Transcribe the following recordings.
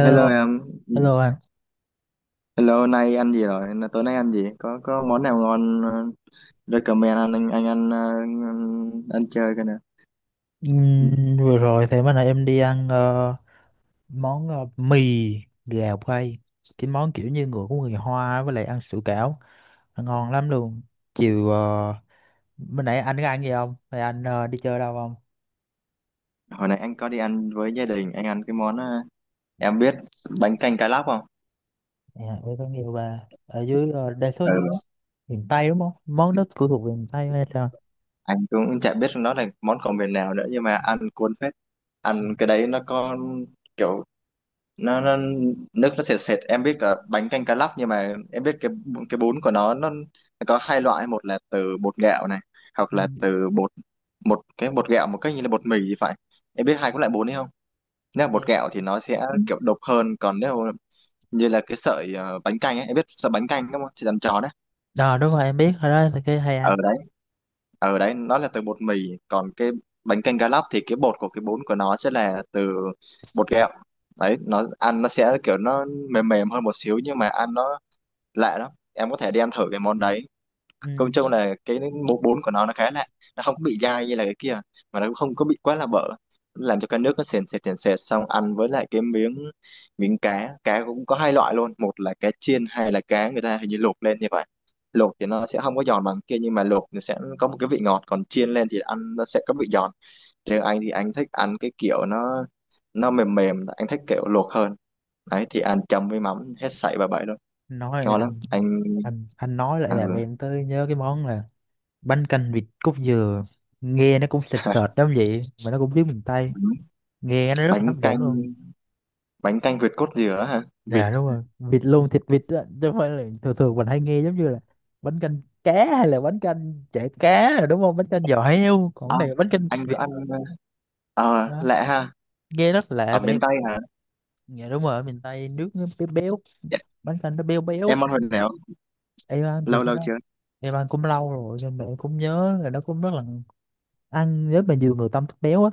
Hello em, hello anh. hello nay ăn gì rồi? Tối nay ăn gì? Có món nào ngon recommend anh ăn ăn chơi cái nè. Ừm, Vừa rồi thì bữa nay em đi ăn món mì gà quay. Cái món kiểu như người của người Hoa với lại ăn sủi cảo. Nó ngon lắm luôn. Chiều ờ, Mới nãy anh có ăn gì không? Hay anh đi chơi đâu không? Hồi nãy anh có đi ăn với gia đình, anh ăn cái món em biết bánh canh cá lóc không? Dạ, em có nhiều bà. Ở dưới đa số Ừ. dưới miền Tây đúng không? Món đó của thuộc về miền Tây hay sao? Anh cũng chả biết nó là món của miền nào nữa nhưng mà ăn cuốn phết. Ăn cái đấy nó có kiểu nó nước nó sệt sệt, em biết là bánh canh cá lóc nhưng mà em biết cái cái bún của nó có hai loại, một là từ bột gạo này hoặc Ừ. là từ bột, một cái bột gạo một cái như là bột mì thì phải. Em biết hai cái loại bún đấy không? Nếu là bột gạo thì nó sẽ, ừ, kiểu độc hơn, còn nếu như là cái sợi bánh canh ấy, em biết sợi bánh canh đúng không, chỉ làm tròn đấy, Đó đúng rồi, em biết rồi, đó thì cái hay ăn. ở đấy ở đấy nó là từ bột mì. Còn cái bánh canh cá lóc thì cái bột của cái bún của nó sẽ là từ bột gạo. Đấy nó ăn nó sẽ kiểu nó mềm mềm hơn một xíu nhưng mà ăn nó lạ lắm, em có thể đem thử cái món đấy. Công Ừm, chung là cái múc bún của nó khá lạ, nó không có bị dai như là cái kia mà nó cũng không có bị quá là bở, làm cho cái nước nó sền sệt sền sệt, xong ăn với lại cái miếng miếng cá. Cá cũng có hai loại luôn, một là cá chiên, hai là cá người ta hình như luộc lên như vậy. Luộc thì nó sẽ không có giòn bằng kia nhưng mà luộc thì sẽ có một cái vị ngọt, còn chiên lên thì ăn nó sẽ có vị giòn. Riêng anh thì anh thích ăn cái kiểu nó mềm mềm, anh thích kiểu luộc hơn. Đấy thì ăn chấm với mắm hết sảy bà bảy luôn, Nói ngon lắm. anh, Anh, anh nói lại ừ, làm em tới nhớ cái món là bánh canh vịt cốt dừa, nghe nó cũng sệt Hả? sệt lắm, vậy mà nó cũng tiếng miền Tây, nghe nó rất là Bánh hấp dẫn canh luôn. bánh canh việt cốt dừa hả? Vịt. Dạ đúng rồi, vịt luôn, thịt vịt á, chứ không phải là thường thường mình hay nghe giống như là bánh canh cá hay là bánh canh chả cá rồi, đúng không? Bánh canh giò heo, còn cái À, này là bánh canh thịt anh vịt có ăn, ờ đó, lạ ha. nghe rất lạ Ở vậy miền em. Tây hả? Dạ đúng rồi, ở miền Tây nước nó béo béo, Dạ, bánh canh nó béo béo. em ăn hồi nào? Em ăn thì Lâu cái lâu đó chưa? em ăn cũng lâu rồi, nhưng mà em cũng nhớ là nó cũng rất là ăn. Nếu mà nhiều người tâm thích béo á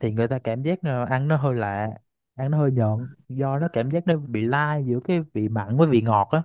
thì người ta cảm giác là ăn nó hơi lạ, ăn nó hơi nhợn, do nó cảm giác nó bị lai giữa cái vị mặn với vị ngọt á.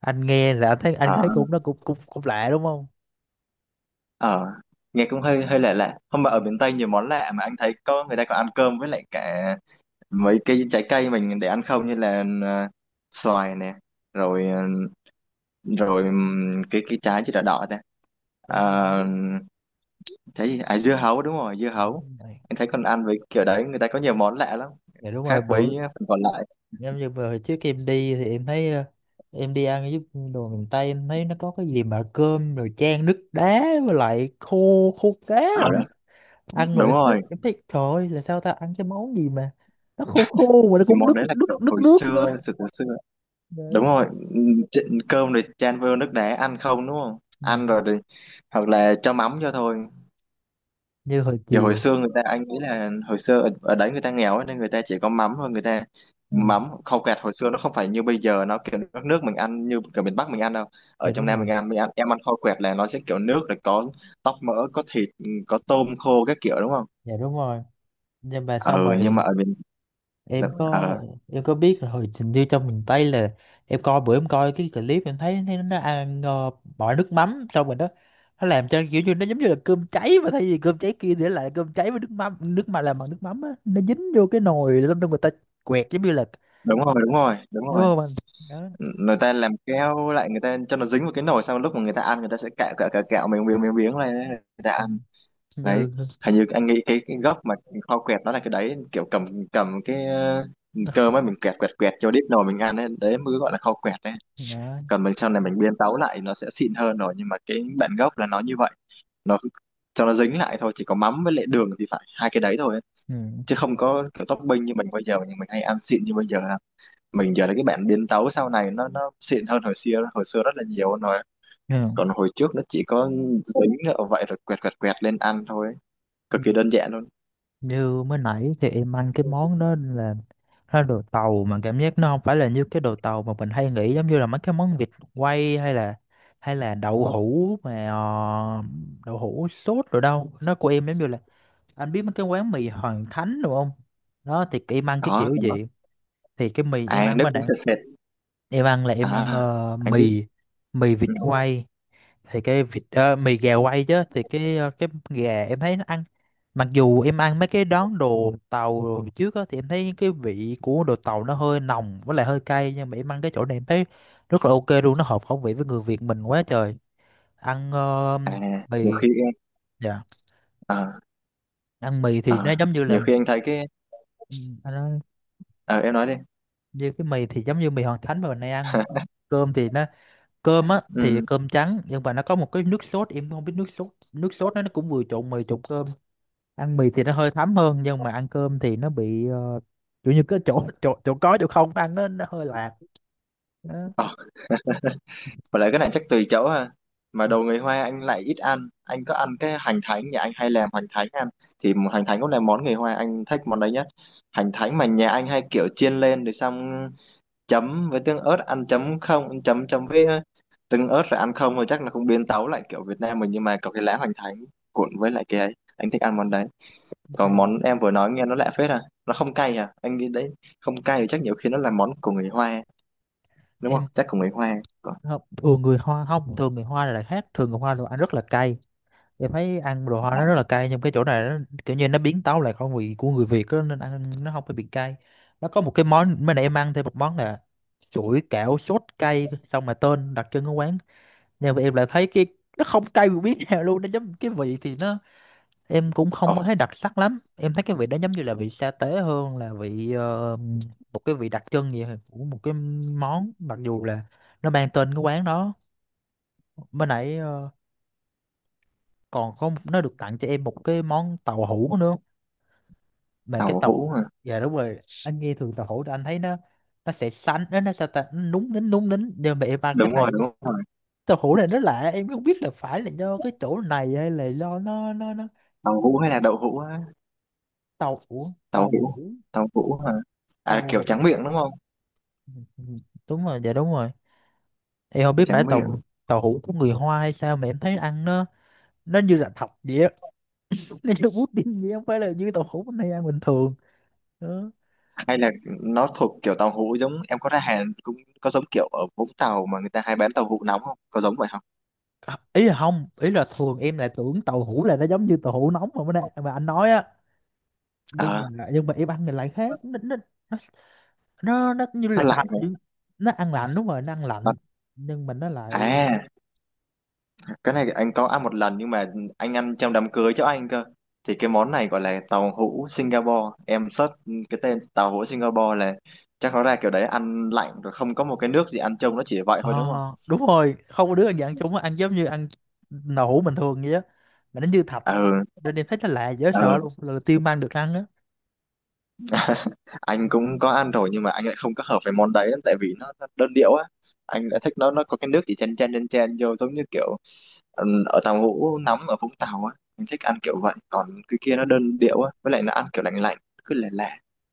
Anh nghe là anh thấy, anh Ờ thấy cũng nó cũng cũng cũng lạ đúng không? ờ, nghe cũng hơi hơi lạ lạ. Không mà ở miền Tây nhiều món lạ, mà anh thấy có người ta còn ăn cơm với lại cả mấy cái trái cây mình để ăn không, như là xoài nè, rồi ờ, rồi cái trái chứ đỏ đỏ ta. Trái dưa hấu. Ờ, trái gì à, dưa hấu, đúng rồi, dưa hấu. Đúng rồi. Anh thấy còn ăn với kiểu đấy, người ta có nhiều món lạ lắm, Dạ đúng rồi. khác với Bữa phần còn lại. em như vừa hồi trước em đi thì em thấy em đi ăn giúp đồ miền Tây, em thấy nó có cái gì mà cơm rồi chan nước đá với lại khô khô cá rồi Ăn đó. mà. Đúng rồi, Em thấy trời ơi, là sao ta ăn cái món gì mà nó khô khô mà nó cái cũng món nước đấy là nước kiểu nước hồi nước nữa. xưa, từ hồi xưa, Dạ đúng đúng. rồi. Cơm rồi chan vô nước đá ăn không, đúng không, Ừ. ăn rồi thì hoặc là cho mắm cho thôi. Như hồi Kiểu hồi chiều. xưa người ta, anh nghĩ là hồi xưa ở đấy người ta nghèo ấy, nên người ta chỉ có mắm thôi. Người ta Ừ. mắm khâu quẹt hồi xưa nó không phải như bây giờ, nó kiểu nước, nước mình ăn như kiểu miền Bắc mình ăn đâu. Ở Dạ trong đúng Nam rồi. mình ăn, mình ăn, em ăn khâu quẹt là nó sẽ kiểu nước rồi có tóp mỡ, có thịt, có tôm khô các kiểu, đúng không. Dạ đúng rồi, nhưng mà xong Ừ nhưng mà rồi ở miền, em có, ờ, em có biết là hồi trình như trong miền Tây là em coi, bữa em coi cái clip em thấy, thấy nó ăn bỏ nước mắm xong rồi đó, nó làm cho kiểu như nó giống như là cơm cháy, mà thay vì cơm cháy kia thì nó lại cơm cháy với nước mắm, nước mà làm bằng nước mắm á, nó dính vô cái nồi xong rồi người ta quẹt, giống như là đúng rồi đúng rồi đúng đúng rồi không anh đó. người ta làm keo lại, người ta cho nó dính vào cái nồi, xong lúc mà người ta ăn, người ta sẽ cạo cạo cạo cạo miếng miếng miếng miếng lên người ta Ừ. ăn. Đấy, Như hình như anh nghĩ cái gốc mà kho quẹt đó là cái đấy, kiểu cầm, cầm cái đó. cơm ấy, mình quẹt quẹt quẹt cho đít nồi mình ăn ấy, đấy mới gọi là kho quẹt đấy. Còn mình sau này mình biến tấu lại nó sẽ xịn hơn rồi, nhưng mà cái bản gốc là nó như vậy, nó cho nó dính lại thôi, chỉ có mắm với lại đường thì phải, hai cái đấy thôi ấy. Ừ. Chứ không có kiểu topping như mình bây giờ, nhưng mình hay ăn xịn như bây giờ đâu. Mình giờ là cái bản biến tấu sau này, nó xịn hơn hồi xưa rất là nhiều luôn rồi. Còn hồi trước nó chỉ có dính ở vậy rồi quẹt quẹt quẹt lên ăn thôi ấy, Ừ. cực kỳ đơn giản luôn. Như mới nãy thì em ăn cái món đó là nó đồ tàu, mà cảm giác nó không phải là như cái đồ tàu mà mình hay nghĩ, giống như là mấy cái món vịt quay hay là đậu hũ mà đậu hũ sốt rồi đâu. Nó của em giống như là anh biết mấy cái quán mì Hoàng Thánh đúng không? Đó thì em ăn cái Có, kiểu có. gì thì cái mì em À, ăn nước mà cũng bạn sệt sệt. em ăn là em ăn À, anh biết. mì mì vịt Ừ. quay, thì cái vịt mì gà quay chứ, thì cái cái gà em thấy nó ăn, mặc dù em ăn mấy cái đón đồ tàu đồ trước á thì em thấy cái vị của đồ tàu nó hơi nồng với lại hơi cay, nhưng mà em ăn cái chỗ này em thấy rất là ok luôn, nó hợp khẩu vị với người Việt mình quá trời. Ăn À, nhiều mì. khi em, Dạ, ờ, ăn mì thì nó ờ, giống như là nhiều mì. khi anh thấy cái, ừ, nó, ờ em nói đi. Như cái mì thì giống như mì Hoàng Thánh mà mình hay ăn. Cơm thì nó, cơm á thì Ừ. cơm trắng, nhưng mà nó có một cái nước sốt, em không biết nước sốt nó cũng vừa trộn mì trộn cơm. Ăn mì thì nó hơi thấm hơn, nhưng mà ăn cơm thì nó bị kiểu như cái chỗ chỗ chỗ có chỗ không, ăn nó hơi lạc. Nó. Ờ, và lại cái này chắc tùy chỗ ha. Mà đồ người Hoa anh lại ít ăn. Anh có ăn cái hành thánh, nhà anh hay làm hành thánh ăn. Hành thánh cũng là món người Hoa, anh thích món đấy nhất. Hành thánh mà nhà anh hay kiểu chiên lên rồi xong chấm với tương ớt ăn, chấm không, chấm chấm với tương ớt rồi ăn không rồi, chắc là không biến tấu lại kiểu Việt Nam mình, nhưng mà có cái lá hành thánh cuộn với lại cái ấy, anh thích ăn món đấy. Ừ. Còn món em vừa nói nghe nó lạ phết à, nó không cay à anh nghĩ đấy. Không cay thì chắc nhiều khi nó là món của người Hoa đúng không, Em chắc của người Hoa. Còn- không, thường người Hoa không, thường người Hoa là lại khác, thường người Hoa đồ ăn rất là cay, em thấy ăn đồ Hoa nó rất là cay, nhưng cái chỗ này nó kiểu như nó biến tấu lại khẩu vị của người Việt á, nên ăn nó không phải bị cay. Nó có một cái món mới nãy em ăn thêm một món là chuỗi kẹo sốt cay xong, mà tên đặc trưng của quán, nhưng mà em lại thấy cái nó không cay một miếng nào luôn. Nó giống cái vị thì nó, em cũng Ồ, không có thấy đặc sắc lắm, em thấy cái vị đó giống như là vị sa tế hơn là vị một cái vị đặc trưng gì của một cái món, mặc dù là nó mang tên cái quán đó. Bên nãy còn có một- nó được tặng cho em một cái món tàu hũ nữa, mà cái tàu tàu. hũ hả, Dạ đúng rồi, anh nghe thường tàu hũ thì anh thấy nó sẽ xanh, nó sao ta, nó núng nính núng nính, nhưng mà em ăn cái đúng này rồi đúng rồi tàu hũ này nó lạ, em không biết là phải là do cái chỗ này hay là do nó. tàu hũ hay là đậu hũ á, Tàu hũ, tàu tàu hũ, hũ, tàu hũ hả, à tàu kiểu hũ. tráng miệng đúng không, Ừ, đúng rồi. Dạ đúng rồi. Em không biết phải tráng miệng. tàu, tàu hũ của người Hoa hay sao mà em thấy ăn nó như là thật vậy á, nó như pudding vậy, không phải là như tàu hũ bên này ăn bình thường đó. Hay là nó thuộc kiểu tàu hũ giống em có ra Hàn cũng có, giống kiểu ở Vũng Tàu mà người ta hay bán tàu hũ nóng, không có giống vậy không? À, ý là không, ý là thường em lại tưởng tàu hũ là nó giống như tàu hũ nóng mà bữa nay mà anh nói á, À nhưng mà em ăn thì lại khác. Nó nó nó nó, nó như nó là lạnh thật, nhưng hả? nó ăn lạnh, đúng rồi nó ăn Nó- lạnh, nhưng mà nó lại. à cái này anh có ăn một lần nhưng mà anh ăn trong đám cưới cháu anh cơ. Thì cái món này gọi là tàu hũ Singapore, em search cái tên tàu hũ Singapore là chắc nó ra kiểu đấy, ăn lạnh rồi không có một cái nước gì ăn, trông nó chỉ vậy Ờ, thôi đúng không. đúng rồi, không có đứa ăn dạng chung á, ăn giống như ăn nậu hũ bình thường vậy á, mà nó như thạch, ừ nên em thấy nó lạ dễ sợ ừ luôn, lần đầu tiên mang được ăn á. anh cũng có ăn rồi nhưng mà anh lại không có hợp với món đấy lắm, tại vì nó đơn điệu á. Anh lại thích nó có cái nước chỉ chen chen chen chen vô, giống như kiểu ừ, ở tàu hũ nóng ở Vũng Tàu á, anh thích ăn kiểu vậy. Còn cái kia nó đơn điệu á, với lại nó ăn kiểu lạnh lạnh, cứ lè lè.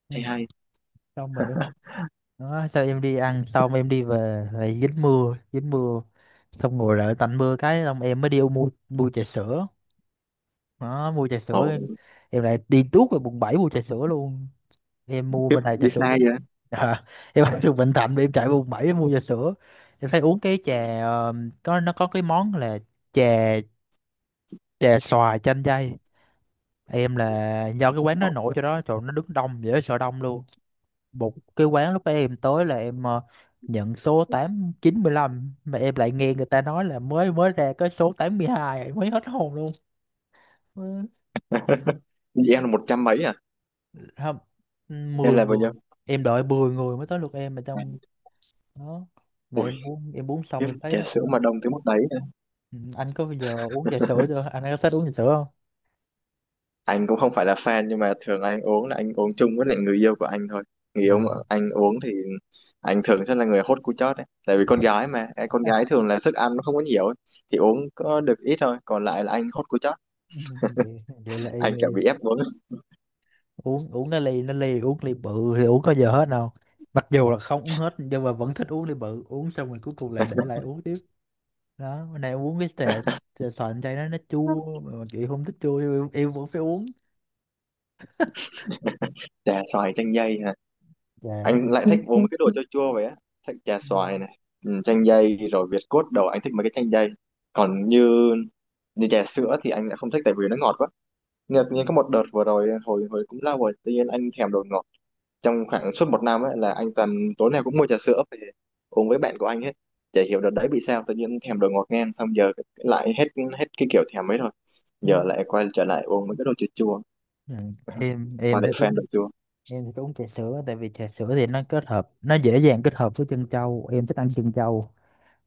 Ừ. hay Xong rồi em đó, sao em đi ăn xong em đi về lại dính mưa, dính mưa, xong ngồi đợi tạnh mưa cái xong em mới đi mua, trà sữa đó. Mua trà sữa hay em lại đi tuốt về quận 7 mua trà sữa luôn. Em mua Kiếp bên này trà đi sữa xa cũng vậy? à, em ở từ Bình Thạnh mà em chạy quận 7 em mua trà sữa. Em thấy uống cái trà có, nó có cái món là trà. Dạ xoài chanh dây. Em là do cái quán nó Ủa, nổi cho đó, trời nó đứng đông dễ sợ, đông luôn. Một cái quán lúc em tới là em nhận số tám chín lăm, mà em lại nghe người ta nói là mới mới ra cái số 82, em mới hết hồn luôn. Ừ, vậy em là một trăm mấy à? không, Em 10 là bao nhiêu? người. Em đợi 10 người mới tới lượt em, mà À, trong đó. Mà Ui, em uống, xong em thấy trà nó sữa mà cũng. đông tới mức đấy nữa. Ừ, anh có bao giờ uống trà sữa chưa? Anh có thích uống trà sữa không? Anh cũng không phải là fan, nhưng mà thường anh uống là anh uống chung với lại người yêu của anh thôi. Người yêu mà Dạ. anh uống thì anh thường sẽ là người hốt cú chót ấy. Tại vì con gái mà, con gái thường là sức ăn nó không có nhiều ấy. Thì uống có được ít thôi, còn lại là anh hốt cú chót. Ừ, vậy, vậy là y Anh kiểu như bị ép uống. uống, cái ly nó ly, uống ly bự thì uống có giờ hết đâu, mặc dù là không uống hết nhưng mà vẫn thích uống ly bự, uống xong rồi cuối cùng lại để lại uống tiếp. Đó bữa nay uống cái trà, trà xoài chai đó nó chua mà chị không thích chua, em vẫn phải uống. Trà xoài chanh dây hả? Dạ đúng Anh rồi. lại thích uống mấy cái đồ chua chua vậy á. Thích trà Ừ. xoài này, ừ, chanh dây rồi Việt cốt đầu, anh thích mấy cái chanh dây. Còn như như trà sữa thì anh lại không thích tại vì nó ngọt quá. Nhưng mà tự nhiên có một đợt vừa rồi, hồi hồi cũng lâu rồi, tự nhiên anh thèm đồ ngọt. Trong khoảng suốt một năm ấy là anh toàn tối nào cũng mua trà sữa về uống với bạn của anh hết, chả hiểu đợt đấy bị sao tự nhiên thèm đồ ngọt ngang. Xong giờ lại hết, cái kiểu thèm ấy rồi, Ừ. giờ lại quay trở lại uống mấy cái đồ chua chua Ừ. em và em lại thích uống, fan đồ chua. em thích uống trà sữa tại vì trà sữa thì nó kết hợp, nó dễ dàng kết hợp với chân trâu, em thích ăn chân trâu,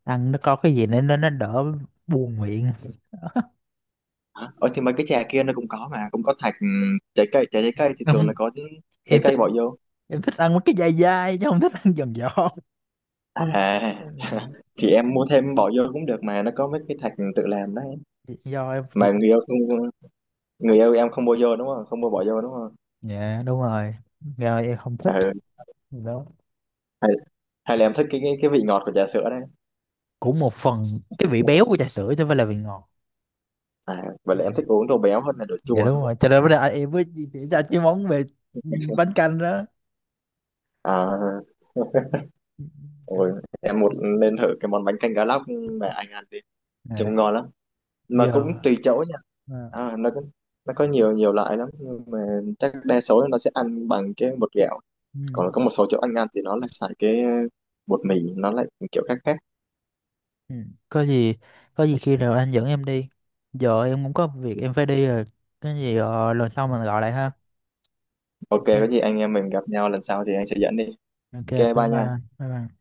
ăn nó có cái gì nên nó đỡ buồn miệng. Hả? Ờ thì mấy cái trà kia nó cũng có mà, cũng có thạch, trái cây, trái cây thì thường là Không, có trái em thích, cây bỏ vô. em thích ăn mấy cái dai dai chứ không thích ăn giòn giòn. À, Ừ. thì em mua thêm bỏ vô cũng được mà, nó có mấy cái thạch tự làm đấy. Do em chịu. Mà người yêu em không mua vô đúng không, không mua bỏ vô đúng không. Dạ đúng rồi, do em không thích Ừ. đó. hay, hay là em thích cái cái vị ngọt của trà sữa đấy. Cũng một phần cái vị béo của trà sữa chứ không phải là vị ngọt. À vậy là em thích uống đồ béo hơn là đồ Dạ chua đúng đúng không. rồi, cho nên bây giờ em mới di chuyển ra cái món về ừ, bánh canh đó. À Ôi, em một nên thử cái món bánh canh cá lóc mà anh ăn đi, À, trông ngon lắm, mà cũng giờ tùy chỗ nha. à, À, nó có nhiều nhiều loại lắm nhưng mà chắc đa số nó sẽ ăn bằng cái bột gạo, ừ, còn có một số chỗ anh ăn thì nó lại xài cái bột mì, nó lại kiểu khác khác. ừ. Có gì, có gì khi nào anh dẫn em đi, giờ em cũng có việc em phải đi rồi, cái gì lần sau mình gọi lại ha. Ok, có Ok, gì anh em mình gặp nhau lần sau thì anh sẽ dẫn đi. ok, Ok bye bye bye nha. anh, bye bye.